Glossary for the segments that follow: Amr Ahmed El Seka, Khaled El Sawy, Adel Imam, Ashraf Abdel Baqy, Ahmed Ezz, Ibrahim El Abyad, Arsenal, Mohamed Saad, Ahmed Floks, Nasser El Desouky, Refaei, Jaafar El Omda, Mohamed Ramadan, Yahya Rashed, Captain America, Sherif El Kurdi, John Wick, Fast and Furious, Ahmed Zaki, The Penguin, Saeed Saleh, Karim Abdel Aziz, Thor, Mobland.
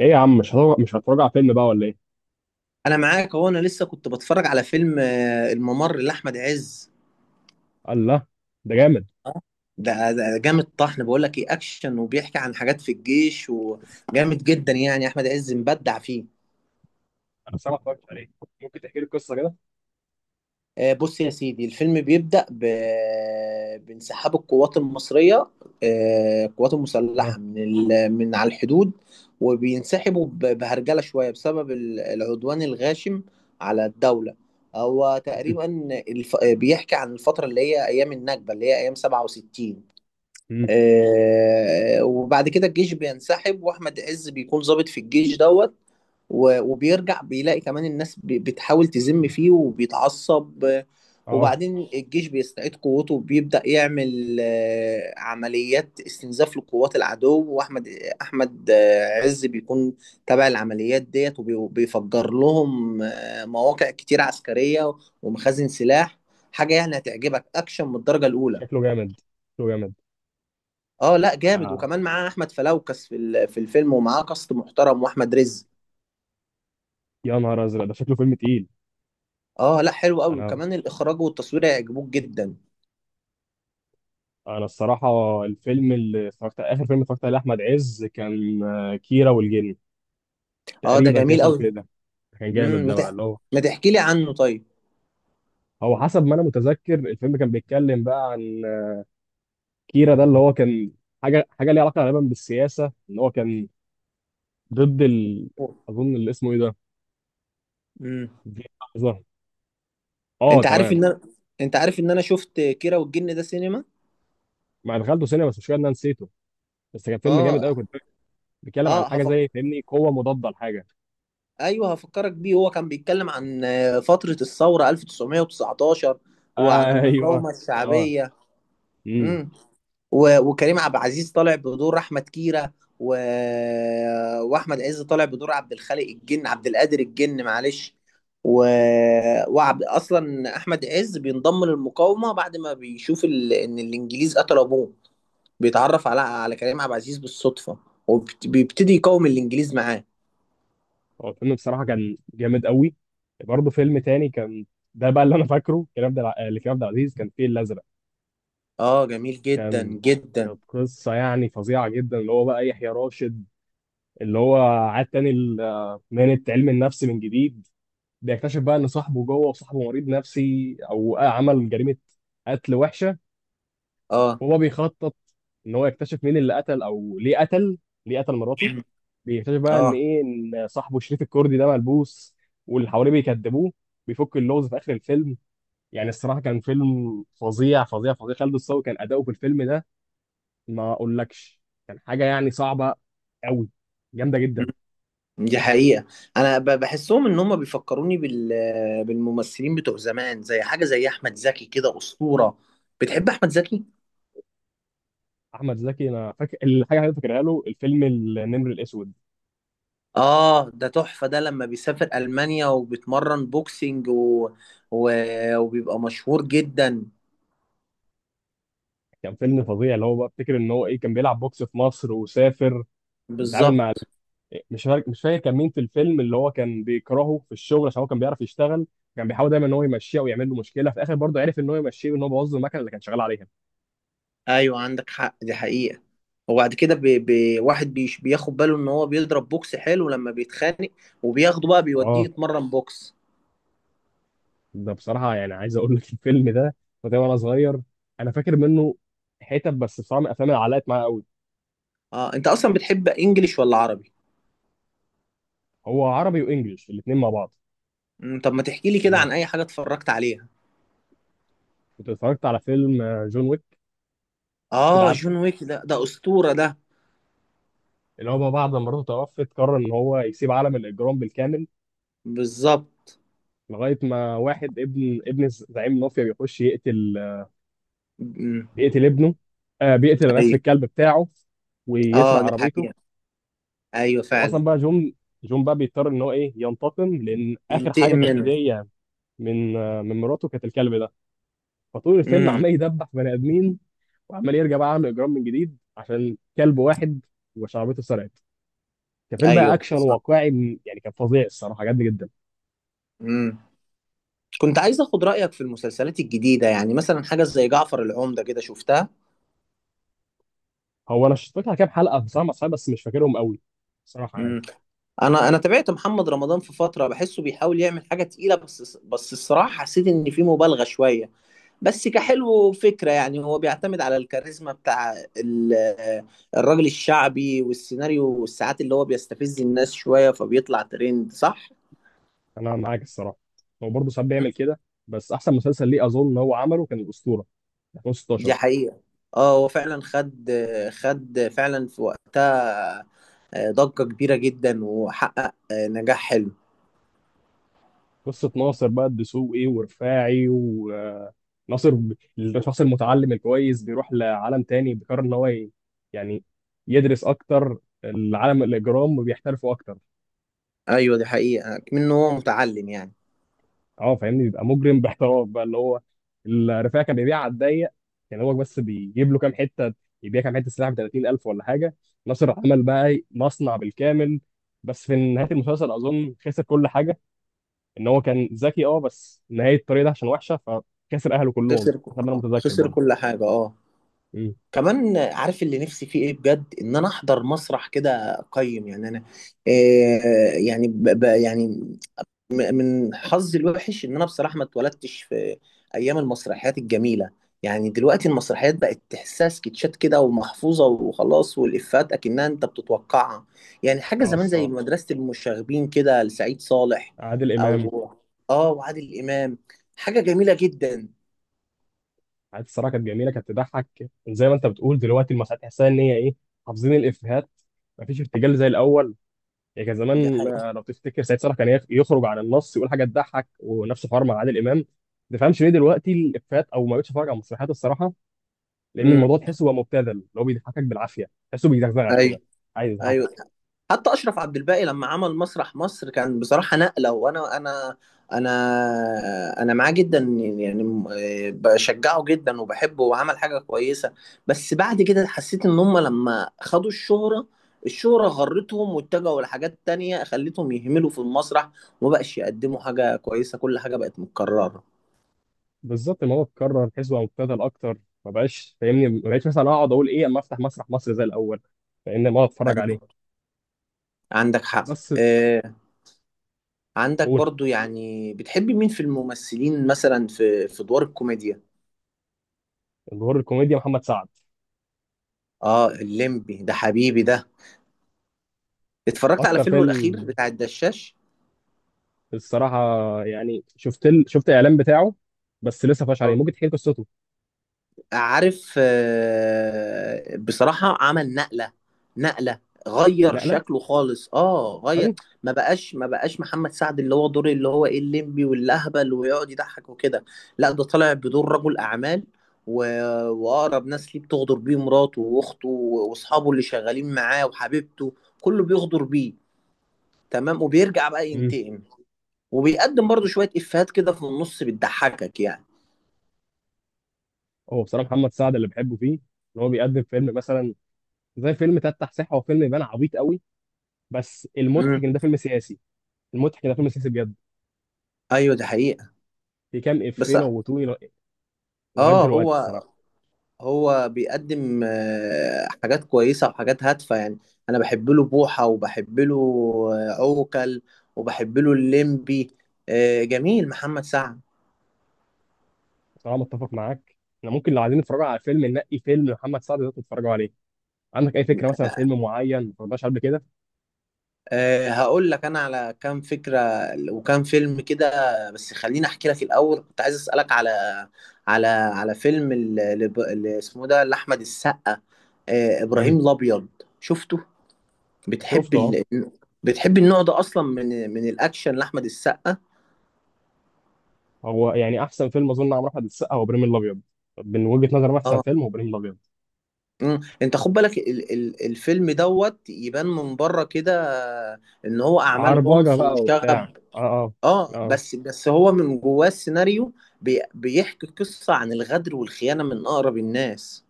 ايه يا عم، مش هتراجع فيلم بقى ولا ايه؟ انا معاك، هو انا لسه كنت بتفرج على فيلم الممر لاحمد عز. قال لا. ده جامد. آه، ده جامد طحن، بقول لك ايه، اكشن وبيحكي عن حاجات في الجيش وجامد جدا، يعني احمد عز مبدع فيه. انا بصراحه ما اتفرجتش عليه. ممكن تحكي لي القصه كده؟ آه، بص يا سيدي، الفيلم بيبدأ بانسحاب القوات المصرية، القوات اه. المسلحة من على الحدود، وبينسحبوا بهرجلة شوية بسبب العدوان الغاشم على الدولة. هو تقريبا بيحكي عن الفترة اللي هي أيام النكبة، اللي هي أيام 67. مم. آه، وبعد كده الجيش بينسحب، واحمد عز بيكون ضابط في الجيش دوت. وبيرجع بيلاقي كمان الناس بتحاول تذم فيه وبيتعصب اه، وبعدين الجيش بيستعيد قوته وبيبدأ يعمل عمليات استنزاف لقوات العدو، واحمد احمد آه، عز بيكون تابع العمليات ديت، وبيفجر لهم مواقع كتير عسكرية ومخازن سلاح. حاجة يعني هتعجبك، اكشن من الدرجة الاولى. شكله جامد، شكله جامد. اه لا، جامد، آه. وكمان معاه احمد فلوكس في في الفيلم، ومعاه كاست محترم، واحمد رزق. يا نهار ازرق، ده شكله فيلم تقيل. اه لا، حلو قوي، انا وكمان الاخراج والتصوير هيعجبوك جدا. انا الصراحه الفيلم اللي اتفرجت، اخر فيلم اتفرجت عليه احمد عز كان كيرة والجن. اه، ده تقريبا كان جميل اسمه قوي. كده. كان جامد امم ما ده، بقى تح- اللي هو ما تحكي لي عنه طيب. هو حسب ما انا متذكر الفيلم كان بيتكلم بقى عن كيرا ده، اللي هو كان حاجه ليها علاقه غالبا بالسياسه، ان هو كان ضد. اظن اللي اسمه ايه ده. امم دي لحظه. اه انت عارف تمام. ان انا انت عارف ان انا شفت كيرة والجن ده سينما. ما دخلته سينما، بس مش كده انا نسيته، بس كان فيلم جامد اه، قوي. كنت بيتكلم عن اه، حاجه زي، فاهمني، قوه مضاده لحاجه. ايوه، هفكرك بيه، هو كان بيتكلم عن فترة الثورة 1919 وعن ايوه. المقاومة اه. الشعبية. امم امم وكريم عبد العزيز طالع بدور احمد كيرة، و... واحمد عز طالع بدور عبد الخالق الجن، عبد القادر الجن، معلش. و... وعبد اصلا احمد عز بينضم للمقاومه بعد ما بيشوف ان الانجليز قتلوا ابوه، بيتعرف على كريم عبد العزيز بالصدفه، وبيبتدي يقاوم الانجليز معاه. هو الفيلم بصراحه كان جامد قوي. برضه فيلم تاني كان ده بقى اللي انا فاكره، كريم عبد لكريم عبد العزيز، كان فيه الازرق. اه، جميل جدا كان، جدا. كانت قصه يعني فظيعه جدا، اللي هو بقى يحيى راشد، اللي هو عاد تاني مهنه علم النفس من جديد. بيكتشف بقى ان صاحبه جوه، وصاحبه مريض نفسي او عمل جريمه، قتل وحشه. اه، وهو بيخطط ان هو يكتشف مين اللي قتل، او ليه قتل، ليه قتل مراته. بيكتشف بقى ان اه، ايه، ان صاحبه شريف الكردي ده ملبوس، واللي حواليه بيكذبوه. بيفك اللغز في اخر الفيلم. يعني الصراحه كان فيلم فظيع فظيع فظيع. خالد الصاوي كان اداؤه في الفيلم ده ما اقولكش. كان حاجه يعني صعبه قوي، جامده جدا. دي حقيقة. أنا بحسهم إن هم بيفكروني بالممثلين بتوع زمان، زي حاجة زي أحمد زكي، كده أسطورة. بتحب أحمد زكي؟ احمد زكي، انا فاكر الحاجه اللي أنا فاكرها له الفيلم النمر الاسود. آه، ده تحفة، ده لما بيسافر ألمانيا وبيتمرن بوكسينج و... وبيبقى مشهور جدا. كان فيلم فظيع. اللي هو بقى افتكر ان هو ايه، كان بيلعب بوكس في مصر، وسافر، ويتعامل مع، بالظبط. مش فاكر كان مين في الفيلم، اللي هو كان بيكرهه في الشغل عشان هو كان بيعرف يشتغل. كان بيحاول دايما ان هو يمشيه، ويعمل له مشكله، في الاخر برضه عرف ان هو يمشيه، وان هو بوظ المكنه اللي كان شغال عليها. أيوة، عندك حق، دي حقيقة. وبعد كده واحد بياخد باله إن هو بيضرب بوكس حلو لما بيتخانق، وبياخده بقى بيوديه اه. يتمرن بوكس. ده بصراحه يعني عايز اقول لك الفيلم ده كنت وانا صغير، انا فاكر منه حتت بس، بصراحه من الافلام اللي علقت معايا قوي. آه، أنت أصلا بتحب إنجليش ولا عربي؟ هو عربي وانجليش الاثنين مع بعض. طب ما تحكي لي كده انا عن اي حاجه اتفرجت عليها. كنت اتفرجت على فيلم جون ويك. كده اه، عارفه. جون ويك، ده اسطوره ده. اللي هو بقى، بعد ما مراته توفت، قرر ان هو يسيب عالم الاجرام بالكامل، بالظبط. لغايه ما واحد ابن زعيم المافيا بيخش يقتل، مم، بيقتل ابنه، بيقتل، انا اسف، ايوه، الكلب بتاعه، ويسرق اه، دي عربيته. حقيقه، ايوه فعلا. واصلا بقى جون بقى بيضطر ان هو ايه ينتقم، لان اخر حاجه ينتقم كانت منه. هديه من مراته كانت الكلب ده. فطول الفيلم امم، عمال يدبح في بني ادمين، وعمال يرجع بقى يعمل اجرام من جديد عشان كلب واحد وشعبيته سرقت. كان فيلم بقى ايوه، اكشن صح. واقعي، يعني كان فظيع الصراحه، عجبني جدا. امم. كنت عايز اخد رايك في المسلسلات الجديده، يعني مثلا حاجه زي جعفر العمده كده، شفتها؟ هو انا شفت لها كام حلقه بصراحه مع أصحابي، بس مش فاكرهم قوي، صراحه يعني. امم انا تابعت محمد رمضان في فتره، بحسه بيحاول يعمل حاجه تقيله، بس الصراحه حسيت ان في مبالغه شويه، بس كحلو فكرة. يعني هو بيعتمد على الكاريزما بتاع الراجل الشعبي والسيناريو والساعات اللي هو بيستفز الناس شوية فبيطلع ترند، صح؟ انا معاك الصراحه، هو برضه ساعات بيعمل كده، بس احسن مسلسل ليه اظن ان هو عمله كان الاسطوره 2016. دي حقيقة. اه، هو فعلا خد فعلا في وقتها ضجة كبيرة جدا، وحقق نجاح حلو. قصه ناصر بقى الدسوقي ورفاعي، وناصر الشخص المتعلم الكويس بيروح لعالم تاني، بيقرر ان هو يعني يدرس اكتر العالم الاجرام، وبيحترفوا اكتر. ايوه، دي حقيقة، منه هو متعلم يعني. اه فاهمني، بيبقى مجرم باحتراف، بقى اللي هو الرفاعي كان بيبيع على الضيق، كان هو بس بيجيب له كام حته، يبيع كام حته سلاح ب 30,000 ولا حاجه. ناصر عمل بقى إيه، مصنع بالكامل. بس في نهايه المسلسل اظن خسر كل حاجه، ان هو كان ذكي اه، بس نهايه الطريق ده عشان وحشه، فخسر اهله كلهم خسر حسب ما انا متذكر خسر برضه. كل حاجة، اه. امم كمان عارف اللي نفسي فيه ايه بجد؟ ان انا احضر مسرح كده، اقيم يعني، انا يعني ب ب يعني من حظي الوحش ان انا بصراحه ما اتولدتش في ايام المسرحيات الجميله. يعني دلوقتي المسرحيات بقت تحسها سكتشات كده، ومحفوظه وخلاص، والافات اكنها انت بتتوقعها. يعني حاجه اه زمان زي الصراحه، مدرسه المشاغبين كده لسعيد صالح، عادل امام. او اه وعادل امام، حاجه جميله جدا. عادل الصراحه كانت جميله، كانت تضحك. زي ما انت بتقول، دلوقتي المسرحيات تحسها ان هي ايه، حافظين الافيهات، مفيش ارتجال زي الاول. يعني كان دي زمان حقيقة. لو تفتكر سعيد صالح كان يخرج عن النص، يقول حاجه تضحك، ونفس الحوار مع عادل امام. ما تفهمش ليه دلوقتي الافيهات، او ما بقتش اتفرج على المسرحيات الصراحه، لان امم، الموضوع تحسه بقى مبتذل، اللي هو بيضحكك بالعافيه، تحسه بيزغزغك كده، عايز ايوه. يضحكك. حتى اشرف عبد الباقي لما عمل مسرح مصر كان بصراحه نقله، وانا انا انا انا معاه جدا، يعني بشجعه جدا وبحبه وعمل حاجه كويسه. بس بعد كده حسيت ان هم لما خدوا الشهره غرتهم، واتجهوا لحاجات تانية خلتهم يهملوا في المسرح وما بقاش يقدموا حاجه كويسه، كل حاجه بقت متكرره. بالظبط الموضوع اتكرر، تحسه بقى مبتذل اكتر. ما بقاش فاهمني، ما بقتش مثلا اقعد اقول ايه اما افتح مسرح مصر زي الاول، لان ما اتفرج أيوة، عليه. عندك حق. بس. آه، عندك قول. برضو، يعني بتحبي مين في الممثلين مثلا في ادوار الكوميديا؟ ظهور الكوميديا محمد سعد. اه، الليمبي ده حبيبي ده. اتفرجت على اكتر فيلمه الاخير فيلم بتاع الدشاش. الصراحه، يعني شفت الاعلان بتاعه، بس لسه فاش عليه، اه، ممكن تحكي لي قصته. عارف، بصراحة عمل نقلة، نقلة، غير نقله. شكله خالص. اه حلو. غير ما بقاش محمد سعد اللي هو دور اللي هو ايه، الليمبي والاهبل ويقعد يضحك وكده. لا، ده طالع بدور رجل اعمال، و... واقرب ناس ليه بتغدر بيه، مراته واخته واصحابه اللي شغالين معاه وحبيبته، كله بيغدر بيه. تمام. وبيرجع بقى مم. ينتقم، وبيقدم برضه شوية إفيهات كده في النص بتضحكك يعني. هو بصراحه محمد سعد اللي بحبه فيه، ان هو بيقدم فيلم مثلا زي فيلم تفتح صحه، هو فيلم يبان عبيط قوي، بس المضحك امم، ان ده فيلم سياسي، المضحك ان ده فيلم سياسي بجد. ايوه، دي حقيقة، في كام بس. افيه موتوني لغايه اه دلوقتي هو الصراحه. هو بيقدم حاجات كويسة وحاجات هادفة يعني. انا بحب له بوحة، وبحب له عوكل، وبحب له الليمبي. جميل محمد سعد. بصراحه متفق معاك، احنا ممكن لو عايزين نتفرج على فيلم، ننقي فيلم محمد سعد ده تتفرجوا عليه. عندك اي فكره مثلا فيلم معين ما اتفرجناش قبل كده؟ أه، هقول لك انا على كام فكره وكام فيلم كده. بس خليني احكي لك الاول، كنت عايز اسالك على فيلم اللي اسمه ده لاحمد السقا، أه، ابراهيم مم. الابيض. شفته؟ بتحب شفته اه. بتحب النوع ده اصلا من الاكشن لاحمد السقا؟ هو يعني احسن فيلم، اظن عمرو احمد السقا، هو ابراهيم الابيض. من وجهه نظري احسن اه. فيلم هو ابراهيم الابيض. مم. انت خد بالك الفيلم دوت يبان من بره كده ان هو اعمال عربجه عنف بقى وشغب. وبتاع، اه. اه. اه، اه. بس هو من جواه السيناريو بيحكي قصة عن الغدر والخيانة من أقرب الناس.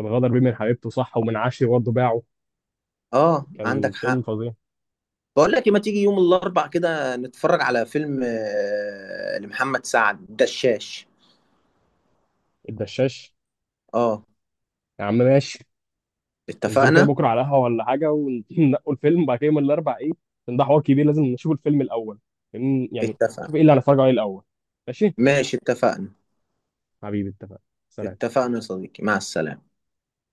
الغدر بيه من حبيبته صح، ومن عشري برضه باعه. اه، كان عندك فيلم حق. فظيع. بقول لك إيه، ما تيجي يوم الأربع كده نتفرج على فيلم لمحمد سعد، الدشاش. الدشاش. اه، يا عم ماشي. ننزلوا كده اتفقنا. بكره على قهوه ولا حاجه، وننقوا الفيلم، وبعد كده يوم الاربع ايه، عشان ده حوار كبير، لازم نشوف الفيلم الاول. يعني شوف اتفقنا. ايه اللي هنتفرج عليه الاول. ماشي. ماشي، اتفقنا. حبيبي اتفقنا. سلام. اتفقنا يا صديقي، مع السلامة.